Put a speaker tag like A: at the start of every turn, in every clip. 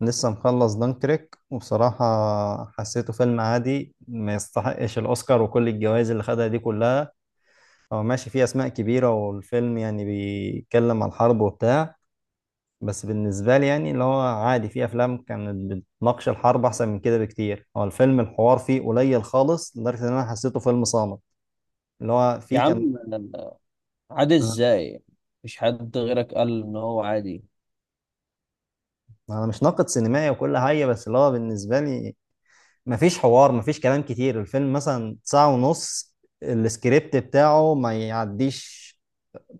A: لسه مخلص دانكريك وبصراحة حسيته فيلم عادي، ما يستحقش الأوسكار وكل الجوائز اللي خدها دي كلها. هو ماشي فيه أسماء كبيرة، والفيلم يعني بيتكلم عن الحرب وبتاع، بس بالنسبة لي يعني اللي هو عادي. فيه أفلام كانت بتناقش الحرب أحسن من كده بكتير. هو الفيلم الحوار فيه قليل خالص لدرجة إن أنا حسيته فيلم صامت. اللي هو
B: يا
A: فيه كان.
B: عم، عادي ازاي؟ مفيش حد غيرك قال ان هو عادي.
A: أنا مش ناقد سينمائي وكل حاجة، بس اللي هو بالنسبة لي مفيش حوار، مفيش كلام كتير. الفيلم مثلا ساعة ونص، السكريبت بتاعه ما يعديش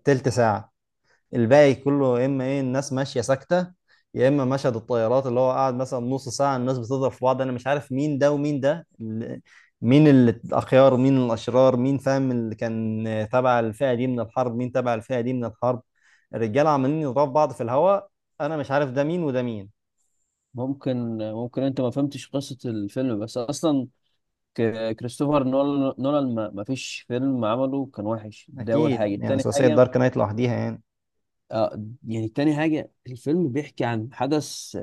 A: تلت ساعة. الباقي كله يا إما إيه الناس ماشية ساكتة، يا إما مشهد الطيارات اللي هو قاعد مثلا نص ساعة الناس بتضرب في بعض. أنا مش عارف مين ده ومين ده مين الأخيار مين الأشرار؟ مين فاهم اللي كان تبع الفئة دي من الحرب مين تبع الفئة دي من الحرب؟ الرجالة عمالين يضربوا في بعض في الهواء. أنا مش عارف ده مين وده مين.
B: ممكن انت ما فهمتش قصة الفيلم، بس اصلا كريستوفر نولان ما فيش فيلم عمله كان وحش. ده اول
A: أكيد
B: حاجة.
A: يعني
B: تاني
A: ثلاثية
B: حاجة،
A: دارك نايت لوحديها يعني.
B: يعني تاني حاجة، الفيلم بيحكي عن حدث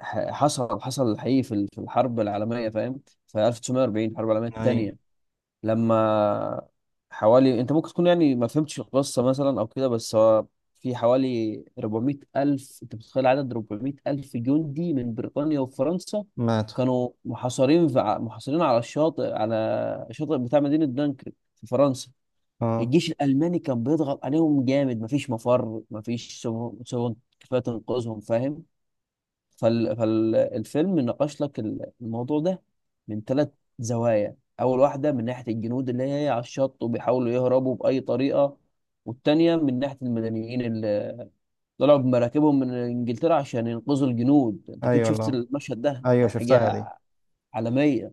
B: حصل حقيقي في الحرب العالمية، فاهم؟ في 1940، الحرب العالمية
A: يعني
B: التانية، لما حوالي، انت ممكن تكون يعني ما فهمتش القصه مثلا او كده، بس هو في حوالي 400 الف، انت بتتخيل عدد 400 الف جندي من بريطانيا وفرنسا
A: ماتوا.
B: كانوا محاصرين محاصرين على الشاطئ، على الشاطئ بتاع مدينه دانكرك في فرنسا.
A: اه.
B: الجيش الالماني كان بيضغط عليهم جامد، مفيش مفر، مفيش سفن كفايه تنقذهم، فاهم؟ فالفيلم ناقش لك الموضوع ده من ثلاث زوايا. اول واحده من ناحيه الجنود اللي هي على الشط وبيحاولوا يهربوا باي طريقه، والتانية من ناحيه المدنيين اللي طلعوا بمراكبهم من انجلترا عشان ينقذوا الجنود، انت كده
A: ايوه
B: شفت
A: والله،
B: المشهد ده،
A: ايوه شفتها دي.
B: حاجه عالميه،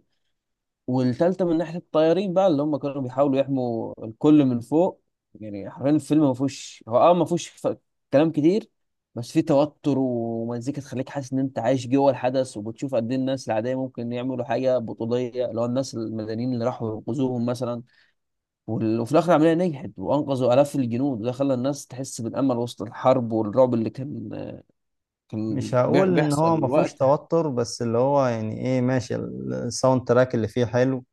B: والتالتة من ناحية الطيارين بقى اللي هم كانوا بيحاولوا يحموا الكل من فوق. يعني حرفيا الفيلم ما فيهوش، هو اه ما فيهوش ف- كلام كتير، بس فيه توتر ومزيكا تخليك حاسس ان انت عايش جوه الحدث، وبتشوف قد ايه الناس العادية ممكن يعملوا حاجة بطولية، اللي هو الناس المدنيين اللي راحوا ينقذوهم مثلا. وفي الآخر العملية نجحت وأنقذوا آلاف الجنود، وده خلى الناس تحس بالأمل وسط الحرب والرعب اللي كان
A: مش
B: كان
A: هقول ان هو
B: بيحصل
A: ما فيهوش
B: وقتها.
A: توتر، بس اللي هو يعني ايه ماشي الساوند تراك اللي فيه حلو.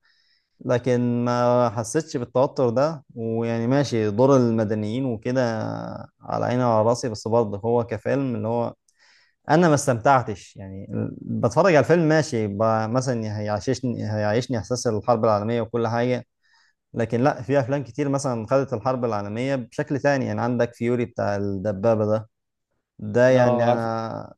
A: لكن ما حسيتش بالتوتر ده. ويعني ماشي دور المدنيين وكده على عيني وعلى راسي، بس برضه هو كفيلم اللي هو انا ما استمتعتش يعني بتفرج على الفيلم ماشي مثلا هيعيشني هيعيشني احساس الحرب العالميه وكل حاجه. لكن لا، في افلام كتير مثلا خدت الحرب العالميه بشكل تاني. يعني عندك فيوري بتاع الدبابه ده، ده يعني
B: اه، عارف.
A: انا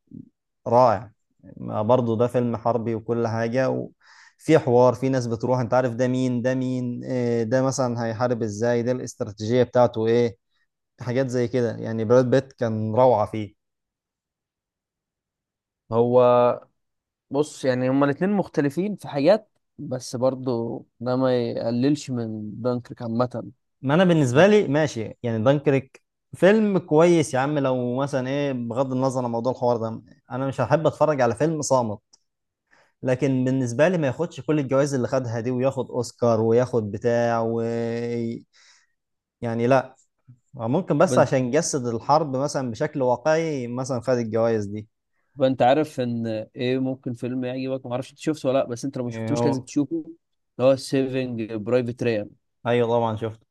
A: رائع. ما برضه ده فيلم حربي وكل حاجة وفي حوار. في ناس بتروح انت عارف ده مين ده مين إيه، ده مثلا هيحارب ازاي، ده الاستراتيجية بتاعته ايه، حاجات زي كده يعني. براد بيت كان روعة فيه.
B: هو بص، يعني هما الاتنين مختلفين في حاجات، بس برضو ده ما يقللش من دانكرك عامة.
A: ما انا بالنسبة لي ماشي يعني دانكريك فيلم كويس يا عم، لو مثلا ايه بغض النظر عن موضوع الحوار ده انا مش هحب اتفرج على فيلم صامت. لكن بالنسبة لي ما ياخدش كل الجوائز اللي خدها دي، وياخد اوسكار وياخد بتاع و... يعني لا. ممكن بس
B: بنت
A: عشان يجسد الحرب مثلا بشكل واقعي مثلا خد الجوائز دي.
B: بنت عارف ان ايه، ممكن فيلم يعجبك، ما اعرفش انت شفته ولا لا، بس انت لو ما
A: إيه
B: شفتوش لازم
A: هو؟
B: تشوفه، اللي هو سيفنج برايفت ريان.
A: ايوه طبعا شفته.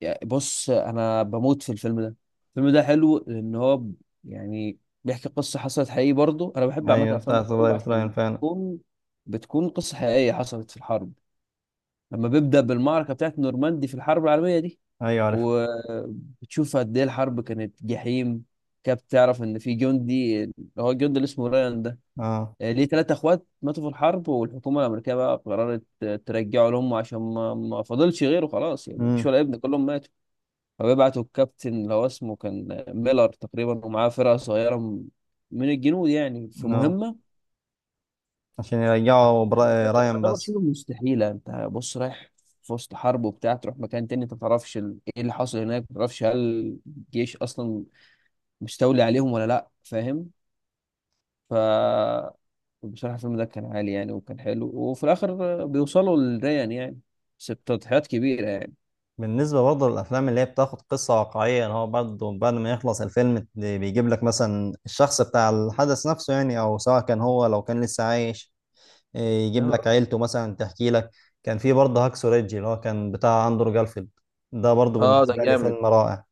B: يعني بص، انا بموت في الفيلم ده. الفيلم ده حلو لان هو يعني بيحكي قصة حصلت حقيقي. برضو انا بحب عامة
A: ايوه
B: افلام
A: بتاعت
B: الحروب
A: برايفت رايان
B: عشان
A: فعلا.
B: بتكون قصة حقيقية حصلت في الحرب، لما بيبدأ بالمعركة بتاعت نورماندي في الحرب العالمية دي،
A: ايوه عارف.
B: وبتشوف قد ايه الحرب كانت جحيم. كاب تعرف ان في جندي، اللي هو الجندي اللي اسمه رايان ده،
A: اه.
B: ليه ثلاثة اخوات ماتوا في الحرب، والحكومة الامريكية بقى قررت ترجعه لهم عشان ما فاضلش غيره، خلاص يعني مفيش
A: امم.
B: ولا ابن، كلهم ماتوا. فبيبعتوا الكابتن اللي هو اسمه كان ميلر تقريبا، ومعاه فرقة صغيرة من الجنود يعني في
A: اه.
B: مهمة
A: عشان يرجعوا
B: ده
A: رايان
B: يعتبر
A: بس.
B: شبه مستحيلة. انت بص رايح في وسط حرب وبتاع، تروح مكان تاني انت ما تعرفش ايه اللي حصل هناك، ما تعرفش هل الجيش اصلا مش تولي عليهم ولا لا، فاهم؟ ف بصراحة الفيلم ده كان عالي يعني، وكان حلو، وفي الآخر بيوصلوا للريان يعني، بس بتضحيات كبيرة يعني.
A: بالنسبه برضه للافلام اللي هي بتاخد قصه واقعيه، اللي هو برضه بعد ما يخلص الفيلم اللي بيجيب لك مثلا الشخص بتاع الحدث نفسه، يعني او سواء كان هو لو كان لسه عايش إيه، يجيب لك
B: اه.
A: عيلته مثلا تحكي لك. كان في برضه هاكسو ريدج اللي هو كان بتاع اندرو جارفيلد، ده برضه
B: ده
A: بالنسبه لي
B: جامد.
A: فيلم رائع.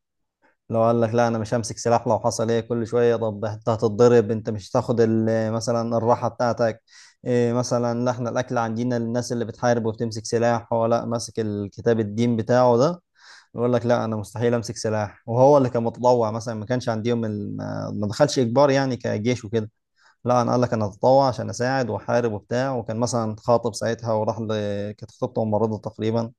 A: لو قال لك لا انا مش همسك سلاح، لو حصل ايه كل شويه، طب انت هتتضرب، انت مش هتاخد مثلا الراحه بتاعتك إيه، مثلا لا احنا الاكل عندنا للناس اللي بتحارب وبتمسك سلاح. هو لا، ماسك الكتاب الدين بتاعه ده، يقول لك لا انا مستحيل امسك سلاح. وهو اللي كان متطوع مثلا، ما كانش عندهم ما دخلش اجبار يعني كجيش وكده. لا انا قال لك انا اتطوع عشان اساعد واحارب وبتاع. وكان مثلا خاطب ساعتها وراح كانت خطيبته ممرضه تقريبا.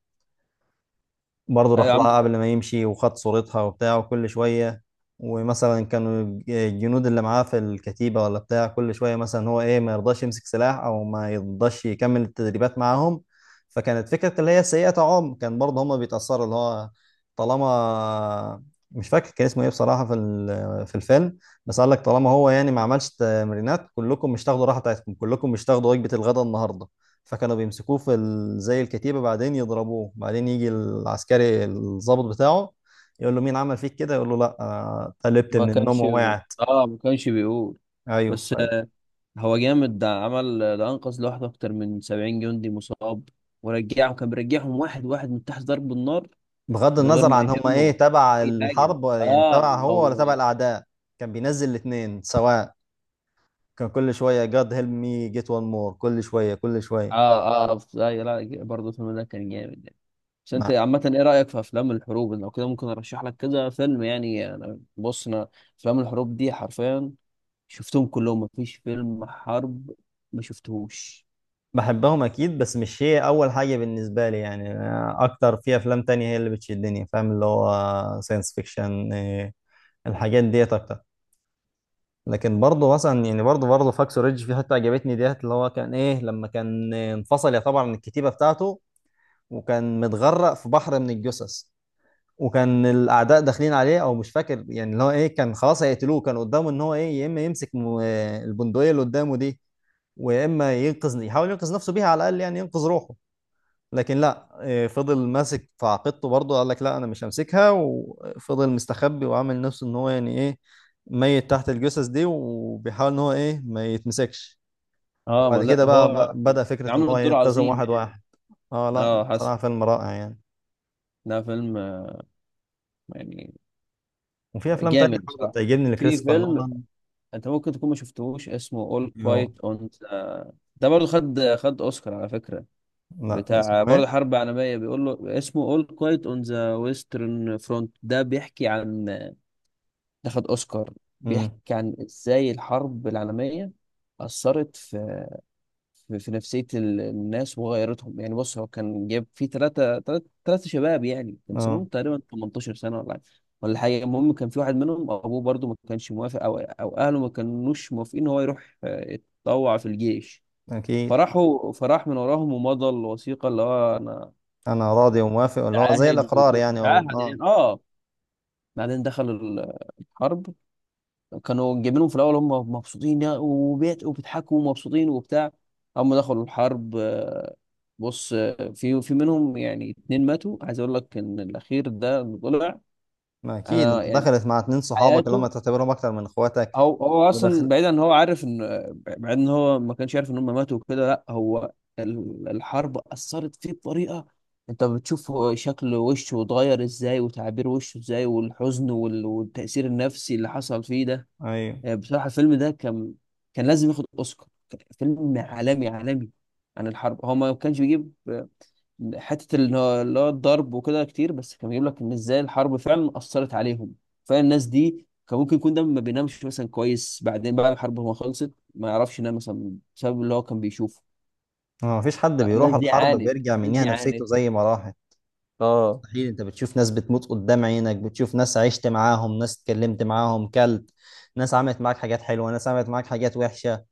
A: برضه
B: أيوة يا
A: راح
B: عم.
A: لها قبل ما يمشي وخد صورتها وبتاع. وكل شوية ومثلا كانوا الجنود اللي معاه في الكتيبة ولا بتاع كل شوية مثلا هو إيه ما يرضاش يمسك سلاح أو ما يرضاش يكمل التدريبات معاهم. فكانت فكرة اللي هي سيئة. عم كان برضه هما بيتأثروا اللي هو طالما، مش فاكر كان اسمه إيه بصراحة في في الفيلم، بس قال لك طالما هو يعني ما عملش تمرينات كلكم مش تاخدوا راحة بتاعتكم، كلكم مش تاخدوا وجبة الغداء النهاردة. فكانوا بيمسكوه في زي الكتيبة بعدين يضربوه، بعدين يجي العسكري الضابط بتاعه يقول له مين عمل فيك كده، يقول له لا قلبت
B: ما
A: من النوم
B: كانش
A: ووقعت.
B: اه ما كانش بيقول،
A: ايوه.
B: بس هو جامد، ده عمل، ده أنقذ لوحده أكتر من 70 جندي مصاب ورجعهم، كان بيرجعهم واحد واحد من تحت ضرب النار،
A: فبغض
B: من غير
A: النظر
B: ما
A: عن هم ايه
B: يهمه
A: تبع
B: أي حاجة.
A: الحرب يعني
B: اه.
A: تبع هو ولا
B: هو.
A: تبع الاعداء. كان بينزل الاثنين سواء. كان كل شوية جاد هيلب مي، جيت وان مور، كل شوية كل شوية.
B: اه، اه، لا، لا، برضه الفيلم ده كان جامد. بس انت
A: مع-
B: عامة ايه رأيك في افلام الحروب؟ لو كده ممكن ارشح لك كذا فيلم يعني. انا بص، انا افلام الحروب دي حرفيا شفتهم كلهم، مفيش فيلم حرب ما شفتهوش.
A: بحبهم اكيد، بس مش هي اول حاجة بالنسبة لي. يعني اكتر في افلام تانية هي اللي بتشدني، فاهم؟ اللي هو ساينس فيكشن، الحاجات ديت اكتر. لكن برضه مثلا يعني برضه فاكس ريدج في حته عجبتني ديت، اللي هو كان ايه لما كان انفصل يعتبر عن الكتيبه بتاعته وكان متغرق في بحر من الجثث. وكان الاعداء داخلين عليه، او مش فاكر، يعني اللي هو ايه كان خلاص هيقتلوه. كان قدامه ان هو ايه يا اما يمسك البندقيه اللي قدامه دي ويا اما ينقذ، يحاول ينقذ نفسه بيها على الاقل، يعني ينقذ روحه. لكن لا إيه، فضل ماسك في عقيدته. برضه قال لك لا انا مش همسكها. وفضل مستخبي وعامل نفسه ان هو يعني ايه ميت تحت الجثث دي، وبيحاول ان هو ايه ما يتمسكش.
B: اه. ما
A: وبعد
B: لا،
A: كده بقى
B: هو
A: بقى بدأ فكرة ان
B: عامل
A: هو
B: الدور
A: ينتزم
B: عظيم
A: واحد
B: يعني.
A: واحد. اه لا
B: اه، حسن.
A: بصراحة فيلم رائع يعني.
B: ده فيلم يعني
A: وفي افلام تانية
B: جامد
A: برضه
B: بصراحة.
A: بتعجبني
B: في
A: لكريستوفر
B: فيلم
A: نولان.
B: انت ممكن تكون ما شفتهوش، اسمه All
A: يو-
B: Quiet on the-، ده برضه خد اوسكار على فكرة،
A: لا
B: بتاع
A: اسمه
B: برضه
A: ايه؟
B: حرب عالمية، بيقول له اسمه All Quiet on the Western Front. ده بيحكي عن، ده خد اوسكار،
A: امم.
B: بيحكي عن ازاي الحرب العالميه اثرت في نفسيه الناس وغيرتهم. يعني بص، هو كان جايب فيه ثلاثه شباب يعني كان
A: اه
B: سنهم تقريبا 18 سنه ولا حاجه. المهم كان في واحد منهم ابوه برضه ما كانش موافق، او اهله ما كانوش موافقين ان هو يروح يتطوع في الجيش.
A: اكيد.
B: فراح من وراهم ومضى الوثيقه اللي هو، انا
A: انا راضي وموافق اللي هو زي
B: متعاهد
A: الاقرار
B: وكنت
A: يعني وال...
B: متعاهد
A: اه
B: يعني، اه. بعدين دخل الحرب. كانوا جايبينهم في الاول، هم مبسوطين، وبيت وبيضحكوا، ومبسوطين وبتاع. هم دخلوا الحرب. بص، في منهم يعني اتنين ماتوا، عايز اقول لك ان الاخير ده اللي طلع.
A: ما اكيد
B: انا
A: انت
B: يعني
A: دخلت مع اتنين صحابك اللي هم
B: حياته،
A: تعتبرهم اكتر من اخواتك.
B: هو اصلا بعيد ان هو عارف ان، بعيد ان هو ما كانش عارف ان هم ماتوا وكده، لا، هو الحرب اثرت فيه بطريقه، انت بتشوف هو شكل وشه اتغير ازاي، وتعابير وشه ازاي، والحزن والتاثير النفسي اللي حصل فيه ده.
A: ايوه.
B: بصراحة الفيلم ده كان لازم ياخد أوسكار. كان فيلم عالمي، عالمي عن الحرب. هو ما كانش بيجيب حتة اللي هو الضرب وكده كتير، بس كان بيجيب لك إن إزاي الحرب فعلا أثرت عليهم. فعلا الناس دي كان ممكن يكون ده ما بينامش مثلا كويس بعدين، بعد الحرب ما خلصت ما يعرفش ينام مثلا بسبب اللي هو كان بيشوفه.
A: ما فيش حد
B: لا،
A: بيروح
B: الناس دي
A: الحرب
B: عانت،
A: بيرجع
B: الناس
A: منيها
B: دي
A: نفسيته
B: عانت.
A: زي ما راحت.
B: اه.
A: مستحيل. انت بتشوف ناس بتموت قدام عينك، بتشوف ناس عشت معاهم، ناس اتكلمت معاهم، كلت ناس عملت معاك حاجات حلوة، ناس عملت معاك حاجات وحشة.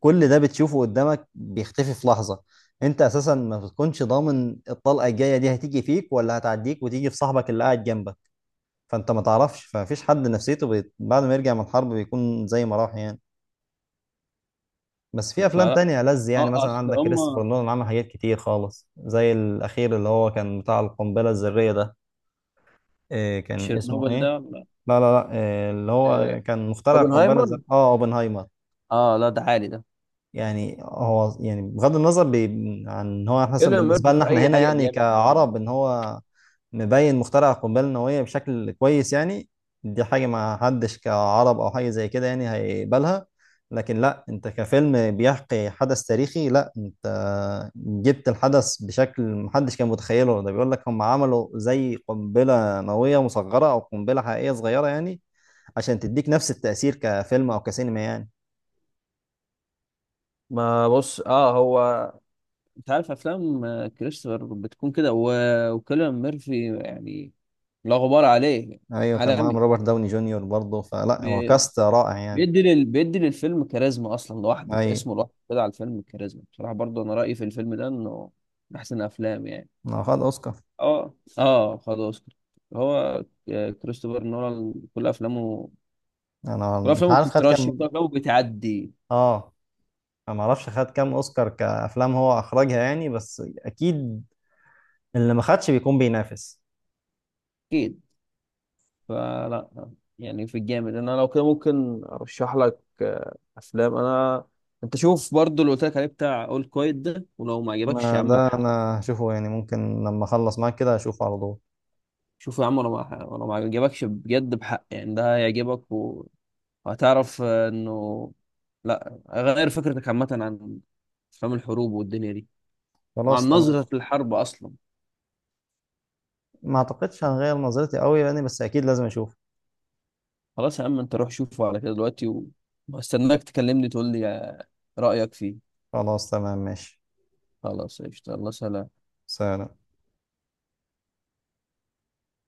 A: كل ده بتشوفه قدامك بيختفي في لحظة. انت اساسا ما بتكونش ضامن الطلقة الجاية دي هتيجي فيك ولا هتعديك وتيجي في صاحبك اللي قاعد جنبك. فانت ما تعرفش، فمفيش حد نفسيته بعد ما يرجع من الحرب بيكون زي ما راح يعني. بس في افلام
B: فلا.
A: تانية ألذ يعني،
B: اه،
A: مثلا
B: اصل
A: عندك
B: هم
A: كريستوفر نولان عمل حاجات كتير خالص زي الاخير اللي هو كان بتاع القنبله الذريه ده. إيه كان اسمه
B: تشيرنوبل
A: ايه؟
B: ده لا.
A: لا لا لا إيه اللي
B: آه،
A: هو كان مخترع القنبله
B: اوبنهايمر.
A: الذريه، اه اوبنهايمر.
B: اه لا، ده عالي ده.
A: يعني هو يعني بغض النظر عن ان هو مثلا
B: كيليان
A: بالنسبه
B: ميرفي
A: لنا
B: في
A: احنا
B: اي
A: هنا
B: حاجه
A: يعني
B: جامد
A: كعرب
B: برضه.
A: ان هو مبين مخترع القنبله النوويه بشكل كويس يعني. دي حاجه ما حدش كعرب او حاجه زي كده يعني هيقبلها. لكن لا، انت كفيلم بيحكي حدث تاريخي، لا انت جبت الحدث بشكل محدش كان متخيله. ده بيقول لك هم عملوا زي قنبله نوويه مصغره او قنبله حقيقيه صغيره يعني عشان تديك نفس التاثير كفيلم او كسينما يعني.
B: ما بص، اه، هو انت عارف افلام كريستوفر بتكون كده، وكيليان ميرفي يعني لا غبار عليه.
A: ايوه كان معاهم
B: عالمي.
A: روبرت داوني جونيور برضه، فلا هو
B: بي-
A: كاست رائع يعني.
B: بيدي للفيلم كاريزما. اصلا لوحده
A: ايوه
B: اسمه لوحده كده على الفيلم كاريزما بصراحه. برضه انا رايي في الفيلم ده انه من احسن افلام يعني.
A: ما هو خد اوسكار.
B: اه، اه، خلاص. هو كريستوفر نولان كل افلامه،
A: انا
B: كل
A: مش
B: افلامه
A: عارف خد
B: بتترشح، كل
A: كام.
B: افلامه بتعدي.
A: اه. انا ما اعرفش خد كام اوسكار كافلام هو اخرجها يعني، بس اكيد اللي ما خدش بيكون بينافس.
B: اكيد. فلا يعني في الجامد، انا لو كده ممكن ارشح لك افلام. انا انت شوف برضو اللي قلت لك عليه، بتاع اول كويت ده، ولو ما عجبكش يا
A: ما
B: عم
A: ده
B: بحق.
A: انا هشوفه، يعني ممكن لما اخلص معاك كده هشوفه على طول.
B: شوف يا عم، لو ما عجبكش بجد بحق يعني، ده هيعجبك، وهتعرف انه، لا، غير فكرتك عامة عن افلام الحروب والدنيا دي،
A: خلاص
B: وعن
A: تمام.
B: نظرة الحرب اصلا.
A: ما اعتقدش هغير نظرتي قوي يعني، بس اكيد لازم اشوفه.
B: خلاص يا عم، انت روح شوفه على كده دلوقتي، واستناك تكلمني تقول لي رأيك فيه.
A: خلاص تمام ماشي.
B: خلاص قشطة. الله سلام.
A: سلام.